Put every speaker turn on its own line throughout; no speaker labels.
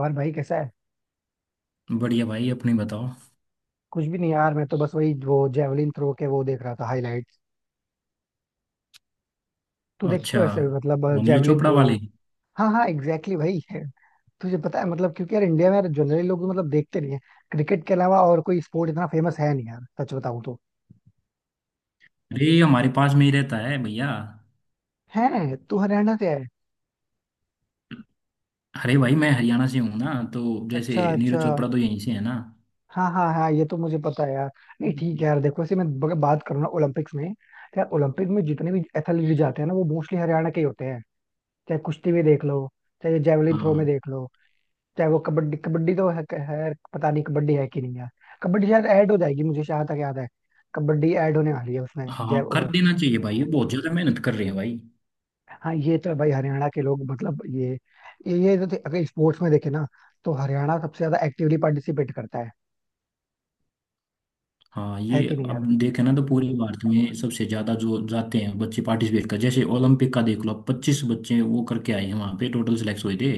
और भाई कैसा है?
बढ़िया भाई, अपनी बताओ।
कुछ भी नहीं यार, मैं तो बस वही वो जेवलिन थ्रो के वो देख रहा था हाईलाइट्स। तू देखती हो
अच्छा,
वैसे भी, मतलब
वो नीरज
जेवलिन
चोपड़ा
थ्रो?
वाली।
हाँ हाँ एग्जैक्टली भाई है। तुझे पता है मतलब, क्योंकि यार इंडिया में यार जनरली लोग तो मतलब देखते नहीं है। क्रिकेट के अलावा और कोई स्पोर्ट इतना फेमस है नहीं यार, सच बताऊं तो।
अरे ये हमारे पास में ही रहता है, भैया।
है तू हरियाणा से है?
अरे भाई, मैं हरियाणा से हूँ ना, तो जैसे
अच्छा, अच्छा।
नीरज चोपड़ा तो यहीं से है ना।
हाँ, हाँ, हाँ, ये तो मुझे पता है यार। नहीं, ठीक है यार, देखो ऐसे मैं बात करूँ ना, ओलंपिक्स में तो यार ओलंपिक में जितने भी एथलीट जाते हैं ना वो मोस्टली हरियाणा के ही होते हैं। चाहे कुश्ती में देख लो। चाहे जेवलिन थ्रो में
हाँ
देख लो। चाहे वो कबड्डी, कबड्डी तो है पता नहीं कबड्डी है कि नहीं यार। कबड्डी शायद ऐड हो जाएगी मुझे जहाँ तक याद है। कबड्डी ऐड होने वाली है उसमें जय
हाँ, कर देना चाहिए भाई, ये बहुत ज्यादा मेहनत कर रहे हैं भाई।
हाँ ये तो है भाई, हरियाणा के लोग मतलब ये। ये तो अगर स्पोर्ट्स में देखे ना, तो हरियाणा सबसे ज्यादा एक्टिवली पार्टिसिपेट करता है।
हाँ,
है
ये
कि नहीं
अब
यार?
देखे ना तो पूरे भारत में सबसे ज्यादा जो जाते हैं बच्चे पार्टिसिपेट कर, जैसे ओलंपिक का देख लो, 25 बच्चे वो करके आए हैं, वहां पे टोटल सिलेक्ट हुए थे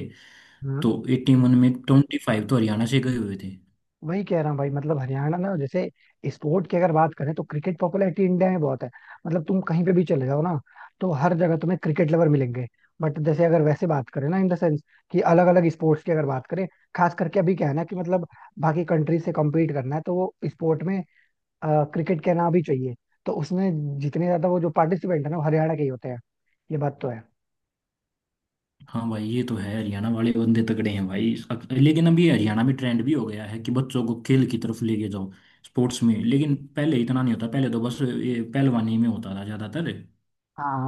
हाँ,
तो 81 में 25 तो हरियाणा से गए हुए थे।
वही कह रहा हूँ भाई, मतलब हरियाणा ना, जैसे स्पोर्ट की अगर बात करें, तो क्रिकेट पॉपुलैरिटी इंडिया में बहुत है। मतलब तुम कहीं पे भी चले जाओ ना, तो हर जगह तुम्हें क्रिकेट लवर मिलेंगे। बट जैसे अगर वैसे बात करें ना, इन द सेंस कि अलग अलग स्पोर्ट्स की अगर बात करें, खास करके अभी क्या है ना, कि मतलब बाकी कंट्री से कम्पीट करना है तो वो स्पोर्ट में क्रिकेट के नाम भी चाहिए। तो उसमें जितने ज्यादा वो जो पार्टिसिपेंट है ना, वो हरियाणा के ही होते हैं। ये बात तो है।
हाँ भाई, ये तो है, हरियाणा वाले बंदे तगड़े हैं भाई। लेकिन अभी हरियाणा में ट्रेंड भी हो गया है कि बच्चों को खेल की तरफ लेके जाओ, स्पोर्ट्स में। लेकिन पहले इतना नहीं होता, पहले तो बस ये पहलवानी में होता था ज्यादातर।
हाँ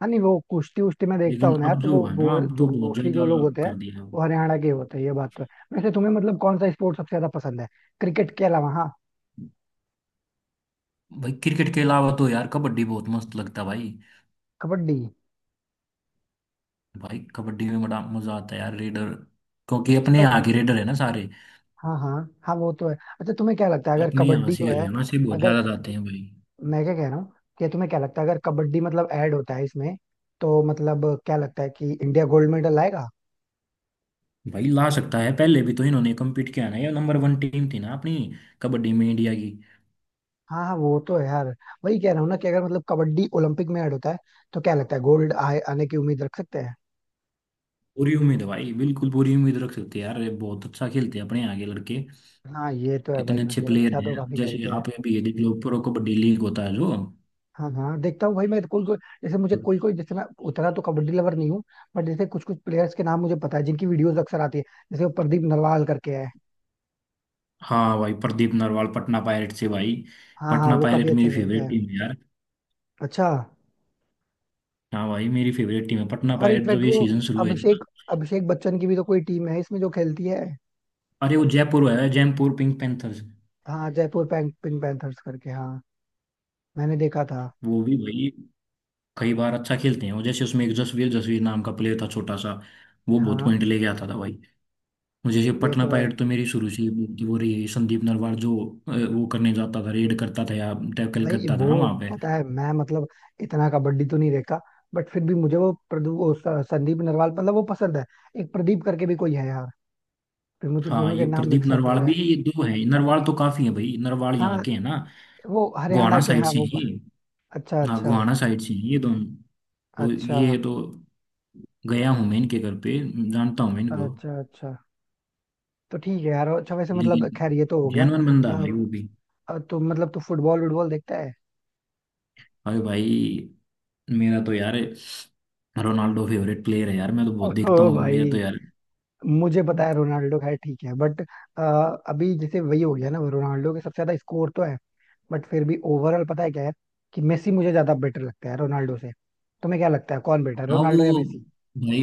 हाँ। नहीं वो कुश्ती उश्ती में देखता
लेकिन
हूँ ना यार,
अब
तो
जो
वो,
है ना,
वो
अब
जो
तो बहुत
मोस्टली जो
ज्यादा
लोग होते हैं,
कर दिया।
वो हरियाणा के ही होते हैं, ये बात तो है। वैसे तुम्हें मतलब कौन सा स्पोर्ट सबसे ज्यादा पसंद है, क्रिकेट के अलावा? हाँ।
भाई क्रिकेट के अलावा तो यार कबड्डी बहुत मस्त लगता है भाई।
कबड्डी?
भाई कबड्डी में बड़ा मजा आता है यार, रेडर, क्योंकि अपने
अ-
यहाँ के रेडर है ना सारे।
हाँ, हाँ। हाँ वो तो है। अच्छा, तुम्हें क्या लगता है अगर
अपने यहाँ
कबड्डी
से,
जो है,
हरियाणा से बहुत
अगर,
ज्यादा जाते हैं भाई।
मैं क्या कह रहा हूँ, कि तुम्हें क्या लगता है अगर कबड्डी मतलब ऐड होता है इसमें, तो मतलब क्या लगता है कि इंडिया गोल्ड मेडल लाएगा?
भाई ला सकता है, पहले भी तो इन्होंने कम्पीट किया ना, ये नंबर वन टीम थी ना अपनी, कबड्डी में, इंडिया की।
हाँ, हाँ, वो तो है यार। वही कह रहा हूँ ना, कि अगर मतलब कबड्डी ओलंपिक में ऐड होता है, तो क्या लगता है गोल्ड आए, आने की उम्मीद रख सकते हैं?
पूरी उम्मीद है भाई, बिल्कुल पूरी उम्मीद रख सकते हैं यार, ये बहुत अच्छा खेलते हैं अपने आगे लड़के।
हाँ, ये तो है
इतने
भाई,
अच्छे
मतलब
प्लेयर
अच्छा तो
हैं,
काफी
जैसे
खेलते हैं।
आप ये भी ये देख लो, प्रो कबड्डी लीग होता है जो।
हाँ, हाँ, देखता हूँ भाई, मैं कोई कोई, जैसे मुझे कोई कोई, जैसे मैं उतना तो कबड्डी लवर नहीं हूँ। बट जैसे कुछ कुछ प्लेयर्स के नाम मुझे पता है, जिनकी वीडियोस अक्सर आती है। जैसे वो प्रदीप नरवाल करके है।
हाँ भाई, प्रदीप नरवाल, पटना पायरेट से भाई।
हाँ, हाँ,
पटना
वो काफी
पायरेट
अच्छा
मेरी
खेलता
फेवरेट
है।
टीम है यार।
अच्छा।
हाँ भाई, मेरी फेवरेट टीम है पटना
और
पायरेट, जब
इनफैक्ट
ये
वो
सीजन शुरू हुए थे ना।
अभिषेक अभिषेक बच्चन की भी तो कोई टीम है इसमें जो खेलती है।
अरे वो जयपुर है, जयपुर पिंक पैंथर्स।
हाँ, जयपुर पिंक पैंथर्स करके, हाँ। मैंने देखा था।
वो भी भाई कई बार अच्छा खेलते हैं, वो जैसे उसमें एक जसवीर, जसवीर नाम का प्लेयर था छोटा सा, वो बहुत
हाँ
पॉइंट लेके आता था भाई। मुझे जैसे
ये
पटना
तो है
पायरेट तो मेरी शुरू से ही बहुत वो रही है। संदीप नरवार जो वो करने जाता था, रेड करता था या टैकल
भाई,
करता
वो
था ना वहां पे।
पता है मैं मतलब इतना कबड्डी तो नहीं देखा। बट फिर भी मुझे वो संदीप नरवाल मतलब वो पसंद है। एक प्रदीप करके भी कोई है यार, फिर मुझे
हाँ
दोनों के
ये
नाम
प्रदीप
मिक्सअप हो
नरवाल
रहे
भी,
हैं।
ये दो है नरवाल तो, काफी है भाई, नरवाल यहाँ
हाँ,
के है ना,
वो
गोहाना
हरियाणा के,
साइड
हाँ
से
वो।
ही।
अच्छा,
हाँ,
अच्छा।
गोहाना साइड से ही ये दोनों। और
अच्छा,
ये तो गया हूँ मैं इनके घर पे, जानता हूँ मैं इनको।
अच्छा। अच्छा। तो ठीक है यार, अच्छा वैसे मतलब
लेकिन
खैर ये तो हो गया।
जेनवन बंदा है भाई
अम,
वो भी।
तो मतलब तू फुटबॉल वुटबॉल देखता है?
अरे भाई, मेरा तो यार रोनाल्डो फेवरेट प्लेयर है यार, मैं तो बहुत देखता
ओ
हूँ, मेरा
भाई,
तो यार।
मुझे पता है रोनाल्डो, खैर ठीक है बट अभी जैसे वही हो गया ना, रोनाल्डो के सबसे ज्यादा स्कोर तो है। बट फिर भी ओवरऑल पता है क्या है, कि मेसी मुझे ज्यादा बेटर लगता है रोनाल्डो से। तुम्हें क्या लगता है कौन बेटर है,
हाँ
रोनाल्डो या
वो,
मेसी?
भाई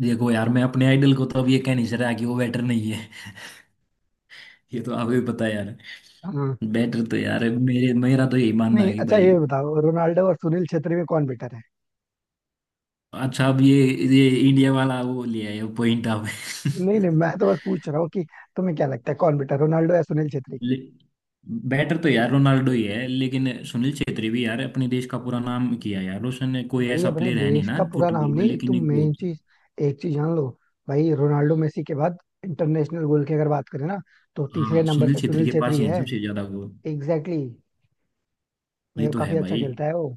देखो यार, मैं अपने आइडल को तो अब ये कह नहीं सकता कि वो बेटर नहीं है। ये तो आपको भी पता है यार।
हाँ।
बेटर तो यार, मेरे मेरा तो यही मानना
नहीं,
है कि
अच्छा
भाई।
ये बताओ, रोनाल्डो और सुनील छेत्री में कौन बेटर है?
अच्छा, अब ये इंडिया वाला वो लिया है पॉइंट आप।
नहीं, नहीं, मैं तो बस पूछ रहा हूँ कि तुम्हें क्या लगता है कौन बेटर, रोनाल्डो या सुनील छेत्री?
ले- बेटर तो यार रोनाल्डो ही है, लेकिन सुनील छेत्री भी यार अपने देश का पूरा नाम किया यार उसने, कोई
भाई
ऐसा
अपने
प्लेयर है नहीं
देश
ना
का पूरा नाम
फुटबॉल में,
नहीं,
लेकिन
तुम
एक
मेन
बहुत।
चीज, एक चीज जान लो। भाई रोनाल्डो मेसी के बाद, इंटरनेशनल गोल की अगर बात करें ना, तो तीसरे
हाँ,
नंबर
सुनील
पे
छेत्री
सुनील
के पास
छेत्री
ही है
है।
सबसे ज्यादा गोल।
Exactly exactly। भाई
ये
वो
तो
काफी
है
अच्छा
भाई,
खेलता है वो।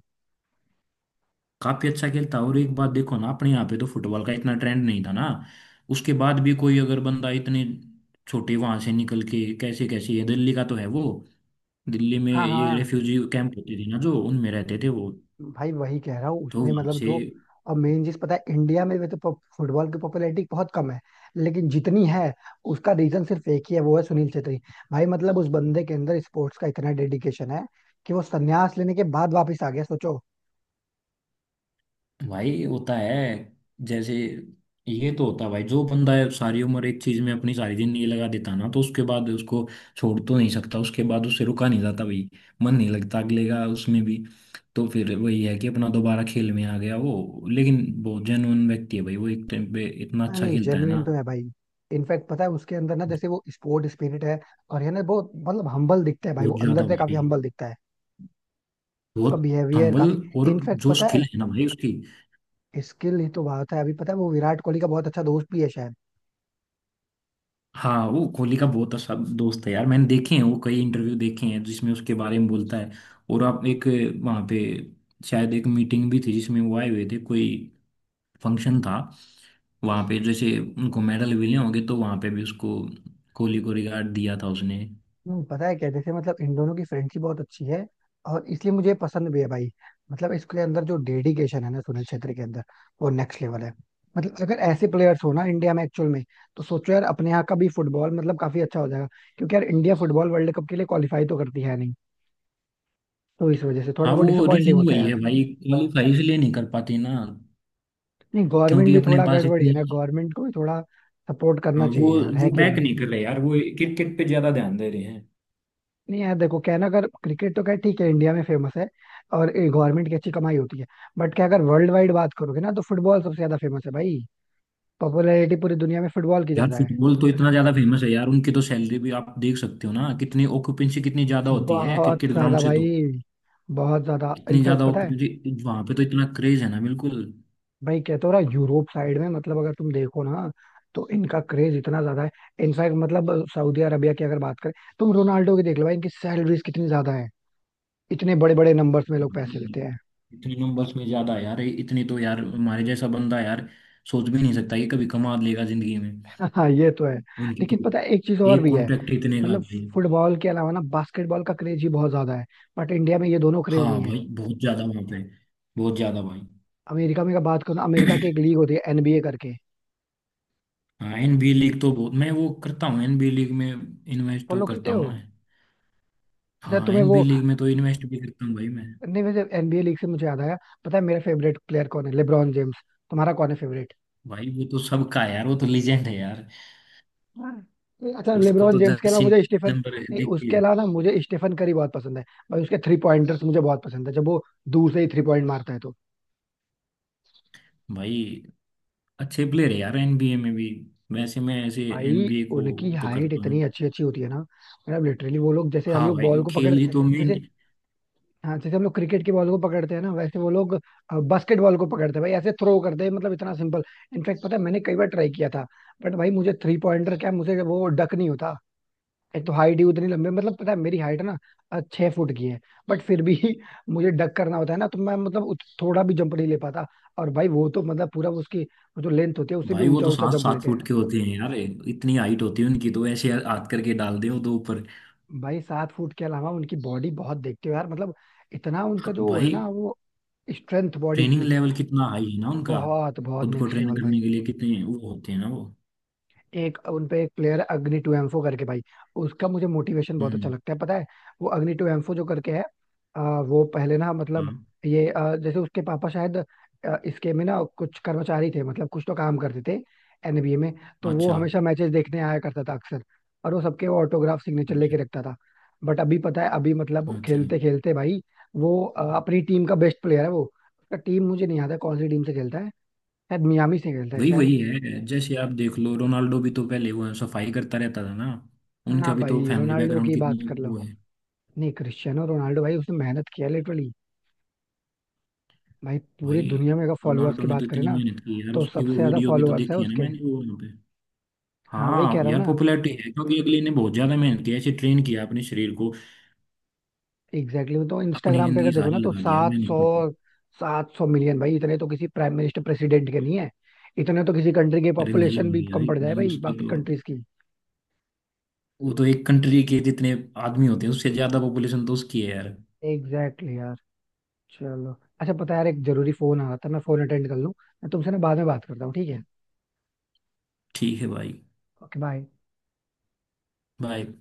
काफी अच्छा खेलता है। और एक बात देखो ना, अपने यहाँ पे तो फुटबॉल का इतना ट्रेंड नहीं था ना, उसके बाद भी कोई अगर बंदा इतने छोटे वहां से निकल के, कैसे कैसे ये दिल्ली का तो है वो, दिल्ली में
हाँ,
ये
हाँ
रेफ्यूजी कैंप होते थे ना, जो उनमें रहते थे वो,
भाई, वही कह रहा हूँ
तो
उसने
वहां
मतलब
से।
जो। और मेन चीज पता है, इंडिया में भी तो फुटबॉल की पॉपुलैरिटी बहुत कम है। लेकिन जितनी है, उसका रीजन सिर्फ एक ही है, वो है सुनील छेत्री। भाई मतलब उस बंदे के अंदर स्पोर्ट्स का इतना डेडिकेशन है, कि वो संन्यास लेने के बाद वापस आ गया, सोचो।
भाई होता है, जैसे, ये तो होता है भाई। जो बंदा है सारी उम्र एक चीज में अपनी सारी जिंदगी लगा देता ना, तो उसके बाद उसको छोड़ तो नहीं सकता, उसके बाद उससे रुका नहीं जाता भाई, मन नहीं लगता अगले का उसमें भी। तो फिर वही है कि अपना दोबारा खेल में आ गया वो। लेकिन बहुत जेन्युइन व्यक्ति है भाई वो, एक टाइम पे इतना
हाँ,
अच्छा
नहीं
खेलता है
जेन्युइन
ना।
तो है भाई। इनफैक्ट पता है उसके अंदर ना, जैसे वो स्पोर्ट स्पिरिट है। और ये ना बहुत मतलब हम्बल दिखता है भाई, वो
बहुत
अंदर
ज्यादा
से काफी
भाई,
हम्बल दिखता है। उसका
बहुत
बिहेवियर
हम्बल।
काफी।
और
इनफैक्ट
जो
पता
स्किल
है,
है ना भाई उसकी।
स्किल ही तो बात है। अभी पता है वो विराट कोहली का बहुत अच्छा दोस्त भी है शायद।
हाँ, वो कोहली का बहुत अच्छा दोस्त है यार, मैंने देखे हैं, वो कई इंटरव्यू देखे हैं जिसमें उसके बारे में बोलता है। और आप एक, वहाँ पे शायद एक मीटिंग भी थी जिसमें वो आए हुए थे, कोई फंक्शन था, वहाँ पे जैसे उनको मेडल मिले होंगे तो वहाँ पे भी उसको, कोहली को रिगार्ड दिया था उसने।
नहीं पता है क्या, जैसे मतलब इन दोनों की फ्रेंडशिप बहुत अच्छी है, और इसलिए मुझे पसंद भी है भाई। मतलब इसके अंदर जो डेडिकेशन है ना सुनील छेत्री के अंदर, वो नेक्स्ट लेवल है। मतलब अगर ऐसे प्लेयर्स हो ना इंडिया में एक्चुअल में, तो सोचो यार, अपने यहाँ का भी फुटबॉल मतलब काफी अच्छा हो जाएगा। क्योंकि यार इंडिया फुटबॉल वर्ल्ड कप के लिए क्वालिफाई तो करती है नहीं, तो इस वजह से थोड़ा
हाँ,
वो
वो
डिसअपॉइंटिंग
रीजन
होता है
वही है
यार।
भाई, क्वालिफाई इसलिए नहीं कर पाती ना,
नहीं, गवर्नमेंट
क्योंकि
भी
अपने
थोड़ा
पास
गड़बड़ी है
इतनी।
ना, गवर्नमेंट को भी थोड़ा सपोर्ट
हाँ
करना
वो
चाहिए यार,
वो
है कि
बैक
नहीं?
नहीं कर रहे यार, वो क्रिकेट पे ज्यादा ध्यान दे रहे हैं।
नहीं यार देखो, क्या है ना, अगर क्रिकेट तो क्या है, ठीक है इंडिया में फेमस है, और गवर्नमेंट की अच्छी कमाई होती है। बट क्या, अगर वर्ल्ड वाइड बात करोगे ना, तो फुटबॉल सबसे ज्यादा फेमस है भाई। पॉपुलैरिटी पूरी दुनिया में फुटबॉल की
यार
ज्यादा है।
फुटबॉल तो इतना ज्यादा फेमस है यार, उनकी तो सैलरी भी आप देख सकते हो ना, कितनी ऑक्यूपेंसी कितनी ज्यादा होती है
बहुत
क्रिकेट ग्राउंड
ज्यादा
से तो।
भाई। बहुत ज्यादा,
इतनी
इनफैक्ट
ज्यादा
पता है,
ऑक्यूपेंसी वहां पे, तो इतना क्रेज है ना बिल्कुल।
भाई कहते हो रहा यूरोप साइड में मतलब, अगर तुम देखो ना, तो इनका क्रेज इतना ज्यादा है। इनफैक्ट मतलब सऊदी अरबिया की अगर बात करें, तुम रोनाल्डो की देख लो भाई, इनकी सैलरीज कितनी ज्यादा है, इतने बड़े बड़े नंबर्स में लोग पैसे
भाई,
लेते हैं।
इतने नंबर्स में ज्यादा है यार, इतनी तो यार हमारे जैसा बंदा यार सोच भी नहीं सकता ये कभी कमा लेगा जिंदगी में,
हाँ, ये तो है।
उनकी तो
लेकिन पता है एक चीज और
एक
भी है,
कॉन्ट्रैक्ट इतने का
मतलब
भाई।
फुटबॉल के अलावा ना बास्केटबॉल का क्रेज ही बहुत ज्यादा है। बट इंडिया में ये दोनों क्रेज
हाँ
नहीं है।
भाई बहुत ज्यादा वहां पे, बहुत ज्यादा भाई।
अमेरिका में अगर बात करूँ, तो अमेरिका की एक लीग होती है एनबीए करके।
हाँ, एनबी लीग तो बहुत मैं वो करता हूँ, एनबी लीग में इन्वेस्ट तो
फॉलो करते
करता
हो?
हूँ मैं।
अच्छा
हाँ,
तुम्हें
एनबीए
वो,
लीग में तो इन्वेस्ट भी करता हूँ भाई मैं।
नहीं वैसे एनबीए लीग से मुझे याद आया, पता है मेरा फेवरेट प्लेयर कौन है? LeBron James. तुम्हारा कौन है फेवरेट?
भाई वो तो सबका है यार, वो तो लीजेंड है यार।
अच्छा
उसको
लेब्रॉन
तो
जेम्स के अलावा
जर्सी
मुझे स्टीफन,
नंबर
नहीं
देख के।
उसके अलावा ना मुझे स्टीफन करी बहुत पसंद है। भाई उसके थ्री पॉइंटर्स मुझे बहुत पसंद है, जब वो दूर से ही थ्री पॉइंट मारता है तो।
भाई अच्छे प्लेयर है यार एनबीए में भी। वैसे मैं ऐसे
भाई
एनबीए
उनकी
को तो
हाइट
करता
इतनी
हूँ।
अच्छी अच्छी होती है ना, मतलब लिटरली वो लोग, जैसे हम
हाँ
लोग
भाई,
बॉल
वो
को पकड़,
खेल ही तो मेन।
जैसे, हाँ जैसे हम लोग क्रिकेट की बॉल को पकड़ते हैं ना, वैसे वो लोग बास्केट बॉल को पकड़ते हैं भाई, ऐसे थ्रो करते हैं, मतलब इतना सिंपल। इनफैक्ट पता है मैंने कई बार ट्राई किया था, बट भाई मुझे थ्री पॉइंटर क्या, मुझे वो डक नहीं होता। एक तो हाइट ही उतनी लंबी, मतलब पता है मेरी हाइट ना 6 फुट की है। बट फिर भी मुझे डक करना होता है ना, तो मैं मतलब थोड़ा भी जंप नहीं ले पाता। और भाई वो तो मतलब पूरा उसकी वो जो लेंथ होती है, उससे भी
भाई वो
ऊंचा
तो
ऊंचा
सात
जंप
सात
लेते हैं।
फुट के होते हैं यार, इतनी हाइट होती है उनकी, तो ऐसे हाथ करके डाल दे वो तो ऊपर।
भाई 7 फुट के अलावा उनकी बॉडी बहुत, देखते हो यार, मतलब इतना उनका जो है ना,
भाई
वो स्ट्रेंथ बॉडी
ट्रेनिंग
की,
लेवल कितना हाई है ना उनका,
बहुत बहुत
खुद को
नेक्स्ट
ट्रेन
लेवल भाई।
करने के लिए कितने वो होते हैं ना वो।
एक उन पे एक प्लेयर अग्नि टू एम्फो करके भाई, उसका मुझे मोटिवेशन बहुत अच्छा
हम्म।
लगता है पता है। वो अग्नि टू एम्फो जो करके है, वो पहले ना, मतलब
हाँ।
ये जैसे उसके पापा शायद इसके में ना कुछ कर्मचारी थे, मतलब कुछ तो काम करते थे, एनबीए में। तो वो
अच्छा
हमेशा मैचेस देखने आया करता था अक्सर, और वो सबके वो ऑटोग्राफ सिग्नेचर
अच्छा
लेके रखता था। बट अभी पता है, अभी मतलब
अच्छा।
खेलते खेलते भाई, वो अपनी टीम का बेस्ट प्लेयर है वो। उसका टीम मुझे नहीं याद है कौन सी टीम से खेलता है, शायद मियामी से खेलता है
वही
शायद।
वही है, जैसे आप देख लो, रोनाल्डो भी तो पहले वो सफाई करता रहता था ना, उनका
हाँ
भी तो
भाई,
फैमिली
रोनाल्डो
बैकग्राउंड
की बात
कितनी।
कर लो,
वो है
नहीं क्रिस्टियानो रोनाल्डो भाई, उसने मेहनत किया लिटरली। भाई
भाई,
पूरी दुनिया में अगर फॉलोअर्स
रोनाल्डो
की
ने
बात
तो
करें
इतनी
ना,
मेहनत की यार,
तो
उसकी
सबसे
वो
ज्यादा
वीडियो भी तो
फॉलोअर्स है
देखी है ना
उसके।
मैंने, वो वहाँ पे।
हाँ वही कह
हाँ
रहा हूँ
यार,
ना,
पॉपुलैरिटी है क्योंकि अगले ने बहुत ज्यादा मेहनत की, ऐसे ट्रेन किया अपने शरीर को,
एग्जैक्टली exactly, तो
अपनी
इंस्टाग्राम पे अगर
जिंदगी
देखो
सारी
ना तो
लगा दी यार
सात सौ
मेहनत तो।
सात सौ मिलियन भाई, इतने तो किसी प्राइम मिनिस्टर प्रेसिडेंट के नहीं है। इतने तो किसी कंट्री की
अरे नहीं,
पॉपुलेशन भी
होंगी यार
कम पड़ जाए
इतने
भाई,
उसके
बाकी
तो,
कंट्रीज की।
वो तो एक कंट्री के जितने आदमी होते हैं उससे ज्यादा पॉपुलेशन तो उसकी है यार।
एग्जैक्टली exactly यार, चलो। अच्छा पता है यार, एक जरूरी फोन आ रहा था, मैं फोन अटेंड कर लूँ। मैं तुमसे ना बाद में बात करता हूँ, ठीक है?
ठीक है भाई।
Okay, bye.
बाय।